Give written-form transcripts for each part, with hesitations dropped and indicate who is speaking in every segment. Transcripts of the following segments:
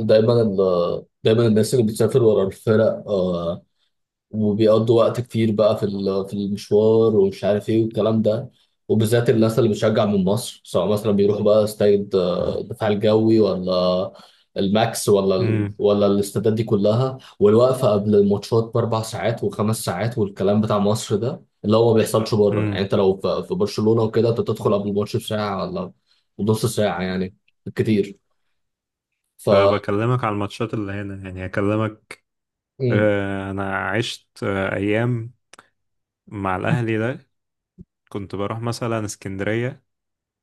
Speaker 1: دايما الناس اللي بتسافر ورا الفرق، وبيقضوا وقت كتير بقى في المشوار ومش عارف ايه والكلام ده. وبالذات الناس اللي بتشجع من مصر سواء مثلا بيروحوا بقى استاد الدفاع الجوي ولا الماكس
Speaker 2: امم
Speaker 1: ولا الاستادات دي كلها، والوقفة قبل الماتشات بأربع ساعات وخمس ساعات والكلام بتاع مصر ده اللي هو ما بيحصلش بره. يعني
Speaker 2: امم
Speaker 1: انت لو في برشلونة وكده انت تدخل قبل الماتش بساعة ولا نص ساعة يعني. كتير. ف
Speaker 2: بكلمك على الماتشات اللي هنا، يعني هكلمك.
Speaker 1: مم.
Speaker 2: انا عشت ايام مع الاهلي ده. كنت بروح مثلا اسكندريه.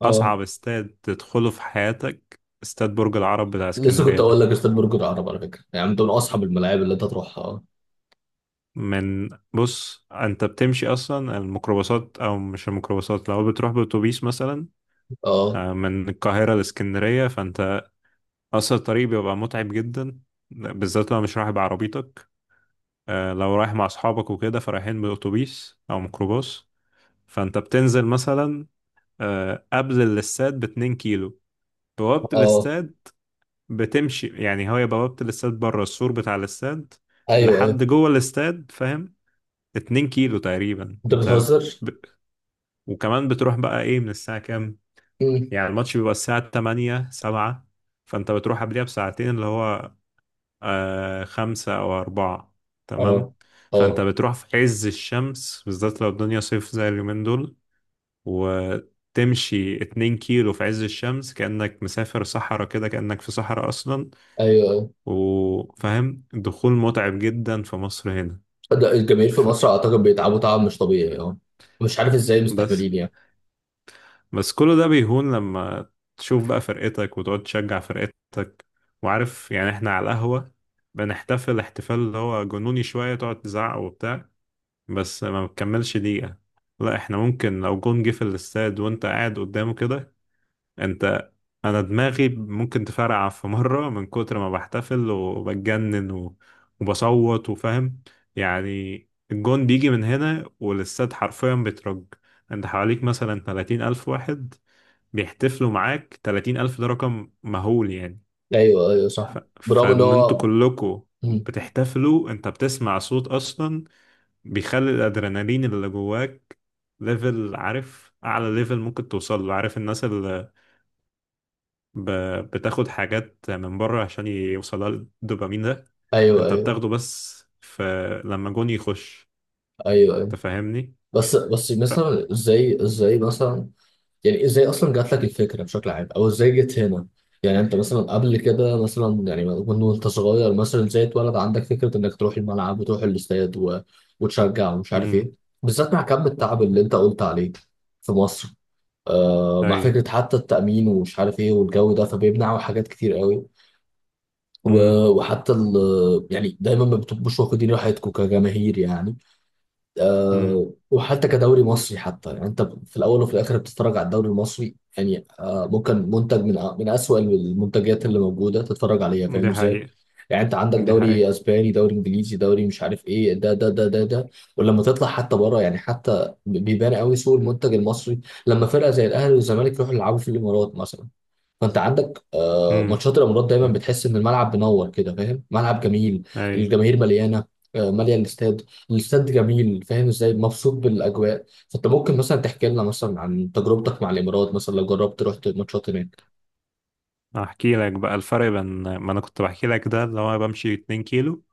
Speaker 1: اه،
Speaker 2: اصعب استاد تدخله في حياتك استاد برج العرب بتاع
Speaker 1: لسه كنت
Speaker 2: اسكندريه
Speaker 1: اقول لك
Speaker 2: ده.
Speaker 1: استاد برج العرب على فكره، يعني انت من اصحاب الملاعب اللي انت تروحها.
Speaker 2: من بص، انت بتمشي اصلا الميكروباصات او مش الميكروباصات، لو بتروح باتوبيس مثلا
Speaker 1: اه،
Speaker 2: من القاهره لاسكندريه، فانت اصلا الطريق بيبقى متعب جدا، بالذات لو مش رايح بعربيتك. لو رايح مع اصحابك وكده، فرايحين باتوبيس او ميكروباص. فانت بتنزل مثلا قبل الاستاد باتنين كيلو، بوابة
Speaker 1: اه، اه،
Speaker 2: الاستاد. بتمشي، يعني هي بوابة الاستاد بره السور بتاع الاستاد
Speaker 1: ايوه، ايوه،
Speaker 2: لحد جوه الاستاد، فاهم؟ اتنين كيلو تقريبا
Speaker 1: انت
Speaker 2: انت
Speaker 1: بتهزر.
Speaker 2: ب... وكمان بتروح بقى ايه من الساعة كام؟
Speaker 1: مم.
Speaker 2: يعني الماتش بيبقى الساعة تمانية سبعة، فانت بتروح قبلها بساعتين، اللي هو آه، خمسة أو أربعة،
Speaker 1: اه،
Speaker 2: تمام؟ فأنت
Speaker 1: اه،
Speaker 2: بتروح في عز الشمس، بالذات لو الدنيا صيف زي اليومين دول، وتمشي اتنين كيلو في عز الشمس، كأنك مسافر صحراء كده، كأنك في صحراء أصلا.
Speaker 1: ايوه، ايوه،
Speaker 2: وفاهم، دخول متعب جدا في مصر هنا.
Speaker 1: ده الجماهير في
Speaker 2: ف...
Speaker 1: مصر اعتقد بيتعبوا تعب مش طبيعي، اه. مش عارف ازاي
Speaker 2: بس
Speaker 1: مستحملين يعني.
Speaker 2: بس كل ده بيهون لما تشوف بقى فرقتك وتقعد تشجع فرقتك. وعارف، يعني احنا على القهوة بنحتفل احتفال اللي هو جنوني شوية، تقعد تزعق وبتاع، بس ما بتكملش دقيقة. لا، احنا ممكن لو جون جه في الاستاد وانت قاعد قدامه كده، انت، انا دماغي ممكن تفرقع في مرة من كتر ما بحتفل وبتجنن و... وبصوت وفاهم يعني. الجون بيجي من هنا والاستاد حرفيا بيترج. انت حواليك مثلا 30 ألف واحد بيحتفلوا معاك، 30 ألف ده رقم مهول يعني.
Speaker 1: ايوه، ايوه، صح، برغم ان
Speaker 2: فان انتوا
Speaker 1: هو
Speaker 2: كلكوا
Speaker 1: مم.
Speaker 2: بتحتفلوا انت بتسمع صوت اصلا. بيخلي الادرينالين اللي جواك ليفل، عارف؟ اعلى ليفل ممكن توصل له. عارف الناس اللي ب... بتاخد حاجات من بره عشان يوصلها الدوبامين ده؟
Speaker 1: ايوه،
Speaker 2: انت
Speaker 1: ايوه،
Speaker 2: بتاخده بس لما جون يخش،
Speaker 1: ايوه، ايوه،
Speaker 2: تفهمني؟
Speaker 1: بس
Speaker 2: ف
Speaker 1: مثلا ازاي مثلا، يعني ازاي اصلا جات لك الفكره بشكل عام او ازاي جت هنا، يعني انت مثلا قبل كده مثلا يعني وانت صغير مثلا ازاي اتولد عندك فكره انك تروح الملعب وتروح الاستاد وتشجع ومش عارف ايه،
Speaker 2: امم
Speaker 1: بالذات مع كم التعب اللي انت قلت عليه في مصر. مع
Speaker 2: اي.
Speaker 1: فكره حتى التامين ومش عارف ايه والجو ده، فبيمنعوا حاجات كتير قوي. و...
Speaker 2: امم
Speaker 1: يعني دايما ما بتبقوش واخدين راحتكم كجماهير يعني.
Speaker 2: امم
Speaker 1: وحتى كدوري مصري، حتى يعني انت في الاول وفي الاخر بتتفرج على الدوري المصري يعني، آه ممكن منتج من اسوأ المنتجات اللي موجوده تتفرج عليها. فاهم
Speaker 2: دي
Speaker 1: ازاي؟
Speaker 2: حقيقة.
Speaker 1: يعني انت عندك
Speaker 2: دي حقيقة.
Speaker 1: دوري اسباني، دوري انجليزي، دوري مش عارف ايه ده ده ده ده ده. ولما تطلع حتى بره يعني حتى بيبان قوي سوق المنتج المصري لما فرقه زي الاهلي والزمالك يروحوا يلعبوا في الامارات مثلا. فانت عندك
Speaker 2: امم
Speaker 1: ماتشات الامارات دايما بتحس ان الملعب منور كده، فاهم، ملعب جميل،
Speaker 2: اي.
Speaker 1: الجماهير مليانه، ماليه الاستاد، الاستاد جميل، فاهم ازاي، مبسوط بالاجواء. فانت ممكن مثلا تحكي لنا مثلا عن تجربتك مع الامارات مثلا لو جربت رحت ماتشات هناك.
Speaker 2: احكي لك بقى الفرق بين، ما انا كنت بحكي لك ده اللي هو بمشي 2 كيلو،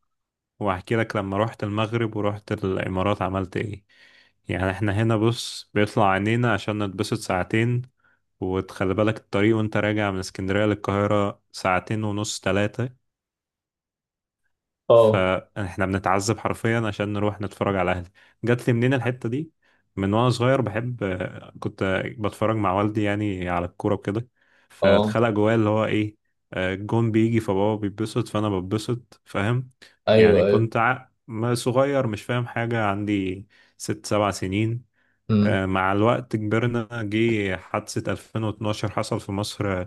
Speaker 2: وهحكي لك لما رحت المغرب ورحت الإمارات عملت إيه. يعني إحنا هنا بص بيطلع عينينا عشان نتبسط ساعتين، وتخلي بالك الطريق وأنت راجع من اسكندرية للقاهرة ساعتين ونص تلاتة.
Speaker 1: اه،
Speaker 2: فاحنا بنتعذب حرفيا عشان نروح نتفرج على اهلي. جات لي منين الحتة دي؟ من وانا صغير بحب، كنت بتفرج مع والدي يعني على الكورة وكده،
Speaker 1: اه،
Speaker 2: فاتخلق جوايا اللي هو ايه. الجون بيجي فبابا بيتبسط فانا بتبسط، فاهم يعني؟
Speaker 1: ايوه، ايوه،
Speaker 2: كنت ما صغير مش فاهم حاجة، عندي ست سبع سنين.
Speaker 1: امم،
Speaker 2: مع الوقت كبرنا، جه حادثة 2012، حصل في مصر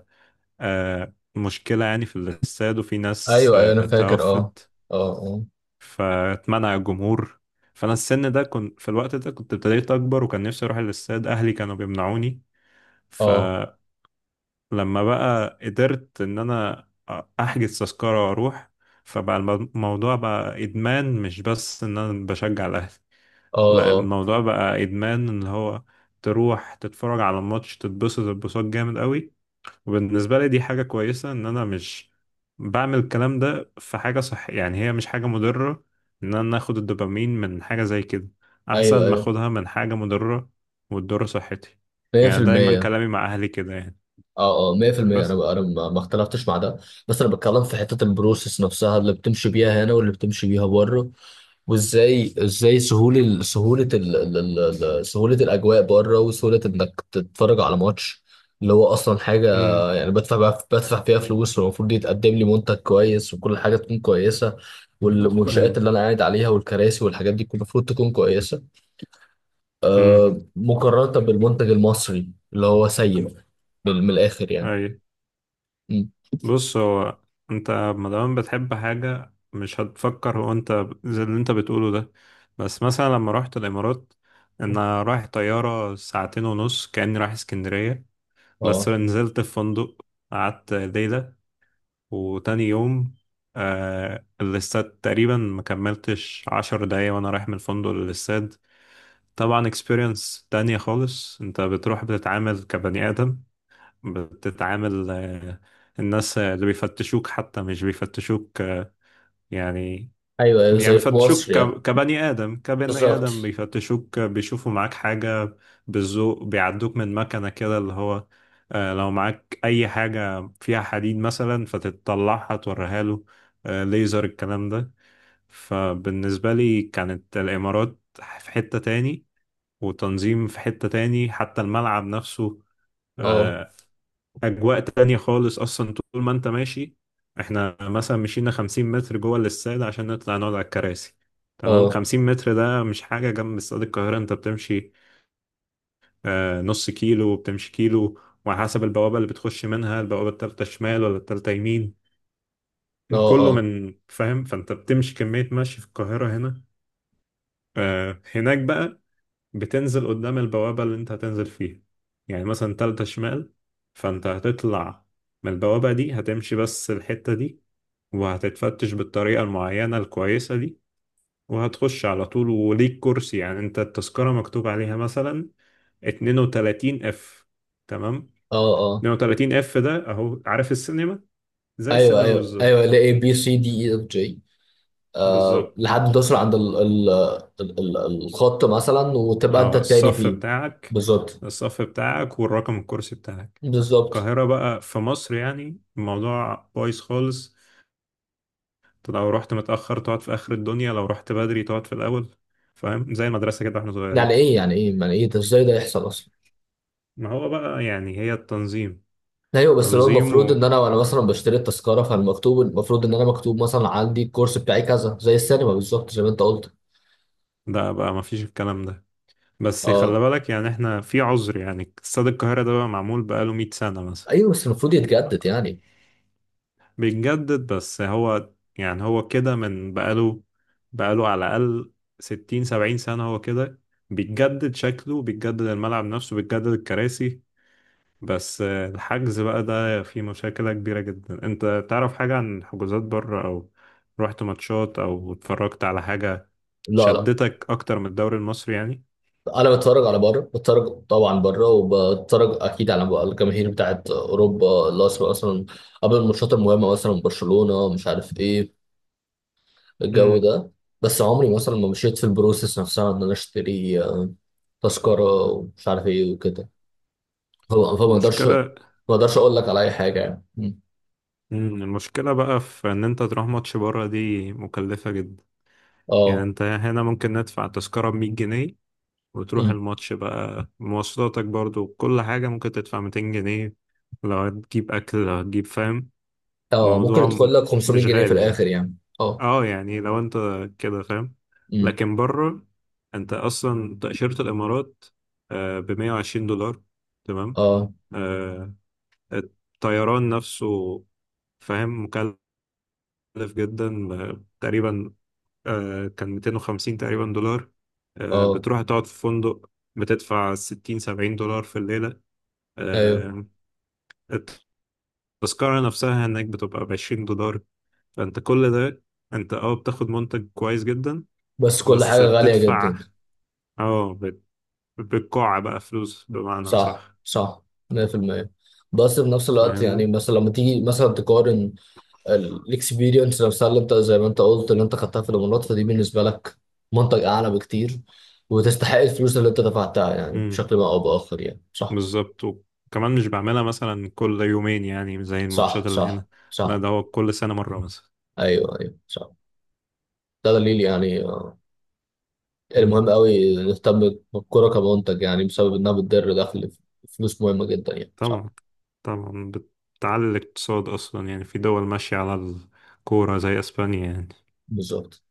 Speaker 2: مشكلة يعني في الاستاد، وفي ناس
Speaker 1: ايوه، ايوه، انا فاكر، اه،
Speaker 2: توفت.
Speaker 1: اه، اه،
Speaker 2: فاتمنع الجمهور. فانا السن ده، كنت في الوقت ده كنت ابتديت اكبر وكان نفسي اروح الاستاد، اهلي كانوا بيمنعوني.
Speaker 1: اه،
Speaker 2: فلما بقى قدرت ان انا احجز تذكرة واروح، فبقى الموضوع بقى ادمان، مش بس ان انا بشجع الاهلي،
Speaker 1: اه،
Speaker 2: لا
Speaker 1: اه،
Speaker 2: الموضوع بقى ادمان، اللي هو تروح تتفرج على الماتش تتبسط اتبساط جامد قوي. وبالنسبة لي دي حاجة كويسة، إن أنا مش بعمل الكلام ده في حاجة صح، يعني هي مش حاجة مضرة. إن أنا آخد الدوبامين من حاجة زي كده، أحسن
Speaker 1: ايوه،
Speaker 2: ما
Speaker 1: ايوه،
Speaker 2: آخدها من حاجة مضرة وتضر صحتي. يعني دايما
Speaker 1: 100%،
Speaker 2: كلامي مع أهلي كده يعني.
Speaker 1: اه، اه، 100%،
Speaker 2: بس.
Speaker 1: انا ما اختلفتش مع ده، بس انا بتكلم في حته البروسيس نفسها اللي بتمشي بيها هنا واللي بتمشي بيها بره، وازاي ازاي سهوله ال- سهوله ال ال ال ال- سهوله الاجواء بره وسهوله انك تتفرج على ماتش اللي هو اصلا حاجه،
Speaker 2: مم.
Speaker 1: يعني بدفع بقى بدفع فيها فلوس، والمفروض يتقدم لي منتج كويس وكل حاجه تكون كويسه، والمنشآت
Speaker 2: مم.
Speaker 1: اللي انا قاعد عليها والكراسي والحاجات دي كل المفروض تكون كويسه،
Speaker 2: مم.
Speaker 1: مقارنه بالمنتج المصري اللي هو سيء، من الاخر يعني.
Speaker 2: أي.
Speaker 1: م.
Speaker 2: بص، هو أنت مادام بتحب حاجة مش هتفكر، هو أنت زي اللي أنت بتقوله ده. بس مثلا لما رحت الإمارات، أنا رايح طيارة ساعتين ونص كأني رايح اسكندرية، بس
Speaker 1: اه،
Speaker 2: نزلت في فندق، قعدت ليلة، وتاني يوم آه الاستاد تقريبا ما كملتش عشر دقايق وانا رايح من الفندق للاستاد. طبعا experience تانية خالص. انت بتروح بتتعامل كبني آدم، بتتعامل آه، الناس اللي بيفتشوك حتى مش بيفتشوك آه يعني،
Speaker 1: ايوه، ايوه، زي في مصر
Speaker 2: بيفتشوك
Speaker 1: يعني.
Speaker 2: كبني آدم، كبني آدم
Speaker 1: بالظبط.
Speaker 2: بيفتشوك، بيشوفوا معاك حاجة بالذوق، بيعدوك من مكنة كده اللي هو لو معاك أي حاجة فيها حديد مثلا فتطلعها توريها له، ليزر الكلام ده. فبالنسبة لي كانت الإمارات في حتة تاني، وتنظيم في حتة تاني، حتى الملعب نفسه
Speaker 1: اه،
Speaker 2: آه، اجواء تانية خالص. اصلا طول ما انت ماشي، احنا مثلا مشينا 50 متر جوه الاستاد عشان نطلع نقعد على الكراسي، تمام؟
Speaker 1: اه،
Speaker 2: 50 متر ده مش حاجة جنب استاد القاهرة. انت بتمشي نص كيلو وبتمشي كيلو، وعلى حسب البوابة اللي بتخش منها، البوابة التالتة شمال ولا التالتة يمين،
Speaker 1: اه، اه،
Speaker 2: كله
Speaker 1: اه،
Speaker 2: من، فاهم؟ فانت بتمشي كمية مشي في القاهرة هنا. هناك بقى بتنزل قدام البوابة اللي انت هتنزل فيها، يعني مثلا تالتة شمال، فانت هتطلع من البوابة دي، هتمشي بس الحتة دي، وهتتفتش بالطريقة المعينة الكويسة دي، وهتخش على طول وليك كرسي. يعني انت التذكرة مكتوب عليها مثلا 32 اف، تمام؟
Speaker 1: اه، اه.
Speaker 2: 32 اف ده اهو، عارف السينما؟ زي
Speaker 1: ايوه،
Speaker 2: السينما
Speaker 1: ايوه، ايوه،
Speaker 2: بالظبط.
Speaker 1: اللي A B C D E F G، آه
Speaker 2: بالظبط.
Speaker 1: لحد ما توصل عند ال ال ال ال الخط مثلا وتبقى انت
Speaker 2: اه
Speaker 1: التاني
Speaker 2: الصف
Speaker 1: فيه.
Speaker 2: بتاعك.
Speaker 1: بالظبط.
Speaker 2: الصف بتاعك والرقم الكرسي بتاعك.
Speaker 1: بالظبط.
Speaker 2: القاهرة بقى، في مصر يعني الموضوع بايظ خالص. انت لو رحت متأخر تقعد في آخر الدنيا، لو رحت بدري تقعد في الأول، فاهم؟ زي المدرسة كده واحنا
Speaker 1: يعني
Speaker 2: صغيرين.
Speaker 1: ايه، يعني ايه، يعني ايه، ده ازاي ده يحصل اصلا؟
Speaker 2: ما هو بقى يعني هي التنظيم،
Speaker 1: ايوه، بس اللي هو
Speaker 2: تنظيم
Speaker 1: المفروض
Speaker 2: و...
Speaker 1: ان انا وانا مثلا بشتري التذكره، فالمكتوب المفروض ان انا مكتوب مثلا عندي الكورس بتاعي كذا زي السينما بالظبط زي ما انت قلت.
Speaker 2: ده بقى ما فيش الكلام ده. بس خلي
Speaker 1: اه،
Speaker 2: بالك يعني احنا في عذر، يعني استاد القاهرة ده بقى معمول بقاله 100 سنة مثلا.
Speaker 1: ايوه بس المفروض يتجدد يعني.
Speaker 2: بيتجدد، بس هو يعني هو كده. من بقاله، بقاله على الأقل ستين سبعين سنة، هو كده. بيتجدد شكله، بيتجدد الملعب نفسه، بيتجدد الكراسي، بس الحجز بقى ده فيه مشاكل كبيرة جدا. انت تعرف حاجة عن حجوزات بره؟ او رحت ماتشات او اتفرجت على حاجة
Speaker 1: لا، لا،
Speaker 2: شدتك اكتر من الدوري المصري يعني؟
Speaker 1: انا بتفرج على بره، بتفرج طبعا بره، وبتفرج اكيد على الجماهير بتاعت اوروبا اللي اصلا اصلا قبل الماتشات المهمه مثلا برشلونه مش عارف ايه الجو
Speaker 2: امم
Speaker 1: ده. بس عمري مثلا ما مشيت في البروسيس نفسها ان انا اشتري تذكره ومش عارف ايه وكده. فما فما اقدرش ما
Speaker 2: المشكلة،
Speaker 1: اقدرش اقول لك على اي حاجه يعني. مم.
Speaker 2: مم، المشكلة بقى في ان انت تروح ماتش بره دي مكلفة جدا. يعني
Speaker 1: اه.
Speaker 2: انت هنا ممكن ندفع تذكرة بمية جنيه، وتروح
Speaker 1: مم.
Speaker 2: الماتش بقى مواصلاتك برضو كل حاجة ممكن تدفع ميتين جنيه، لو هتجيب أكل لو هتجيب، فاهم؟
Speaker 1: اه، ممكن
Speaker 2: موضوع
Speaker 1: يدخل لك 500
Speaker 2: مش
Speaker 1: جنيه في
Speaker 2: غالي يعني.
Speaker 1: الاخر يعني، اه.
Speaker 2: اه يعني لو انت كده، فاهم؟
Speaker 1: مم.
Speaker 2: لكن بره، انت أصلا تأشيرة الإمارات بمية وعشرين دولار، تمام؟
Speaker 1: اه،
Speaker 2: آه، الطيران نفسه فاهم، مكلف جدا، تقريبا كان 250 تقريبا دولار.
Speaker 1: اه،
Speaker 2: بتروح تقعد في فندق بتدفع 60 70 دولار في الليلة.
Speaker 1: ايوه،
Speaker 2: آه، التذكرة نفسها هناك بتبقى ب 20 دولار. فأنت كل ده، أنت أه بتاخد منتج كويس جدا،
Speaker 1: بس كل حاجه
Speaker 2: بس
Speaker 1: غاليه جدا.
Speaker 2: بتدفع أه بالقاع بقى فلوس بمعنى،
Speaker 1: صح،
Speaker 2: صح؟
Speaker 1: صح، 100%. بس في نفس الوقت يعني
Speaker 2: فاهمني؟
Speaker 1: مثلا لما تيجي مثلا تقارن الاكسبيرينس نفسها اللي انت زي ما انت قلت اللي انت خدتها في الامارات، فدي بالنسبه لك منطق اعلى بكتير وتستحق الفلوس اللي انت دفعتها يعني
Speaker 2: امم
Speaker 1: بشكل ما او باخر يعني، صح،
Speaker 2: بالظبط. وكمان مش بعملها مثلا كل يومين يعني زي
Speaker 1: صح،
Speaker 2: الماتشات اللي
Speaker 1: صح،
Speaker 2: هنا، لا
Speaker 1: صح،
Speaker 2: ده هو كل سنة مرة مثلا.
Speaker 1: ايوه، ايوه، صح. ده دليل يعني المهم قوي نهتم بالكوره كمنتج يعني بسبب انها بتدر دخل، فلوس مهمه جدا يعني، صح.
Speaker 2: طبعا، طبعا. بتعلي الاقتصاد اصلا يعني. في دول ماشية على الكورة زي اسبانيا يعني.
Speaker 1: بالظبط.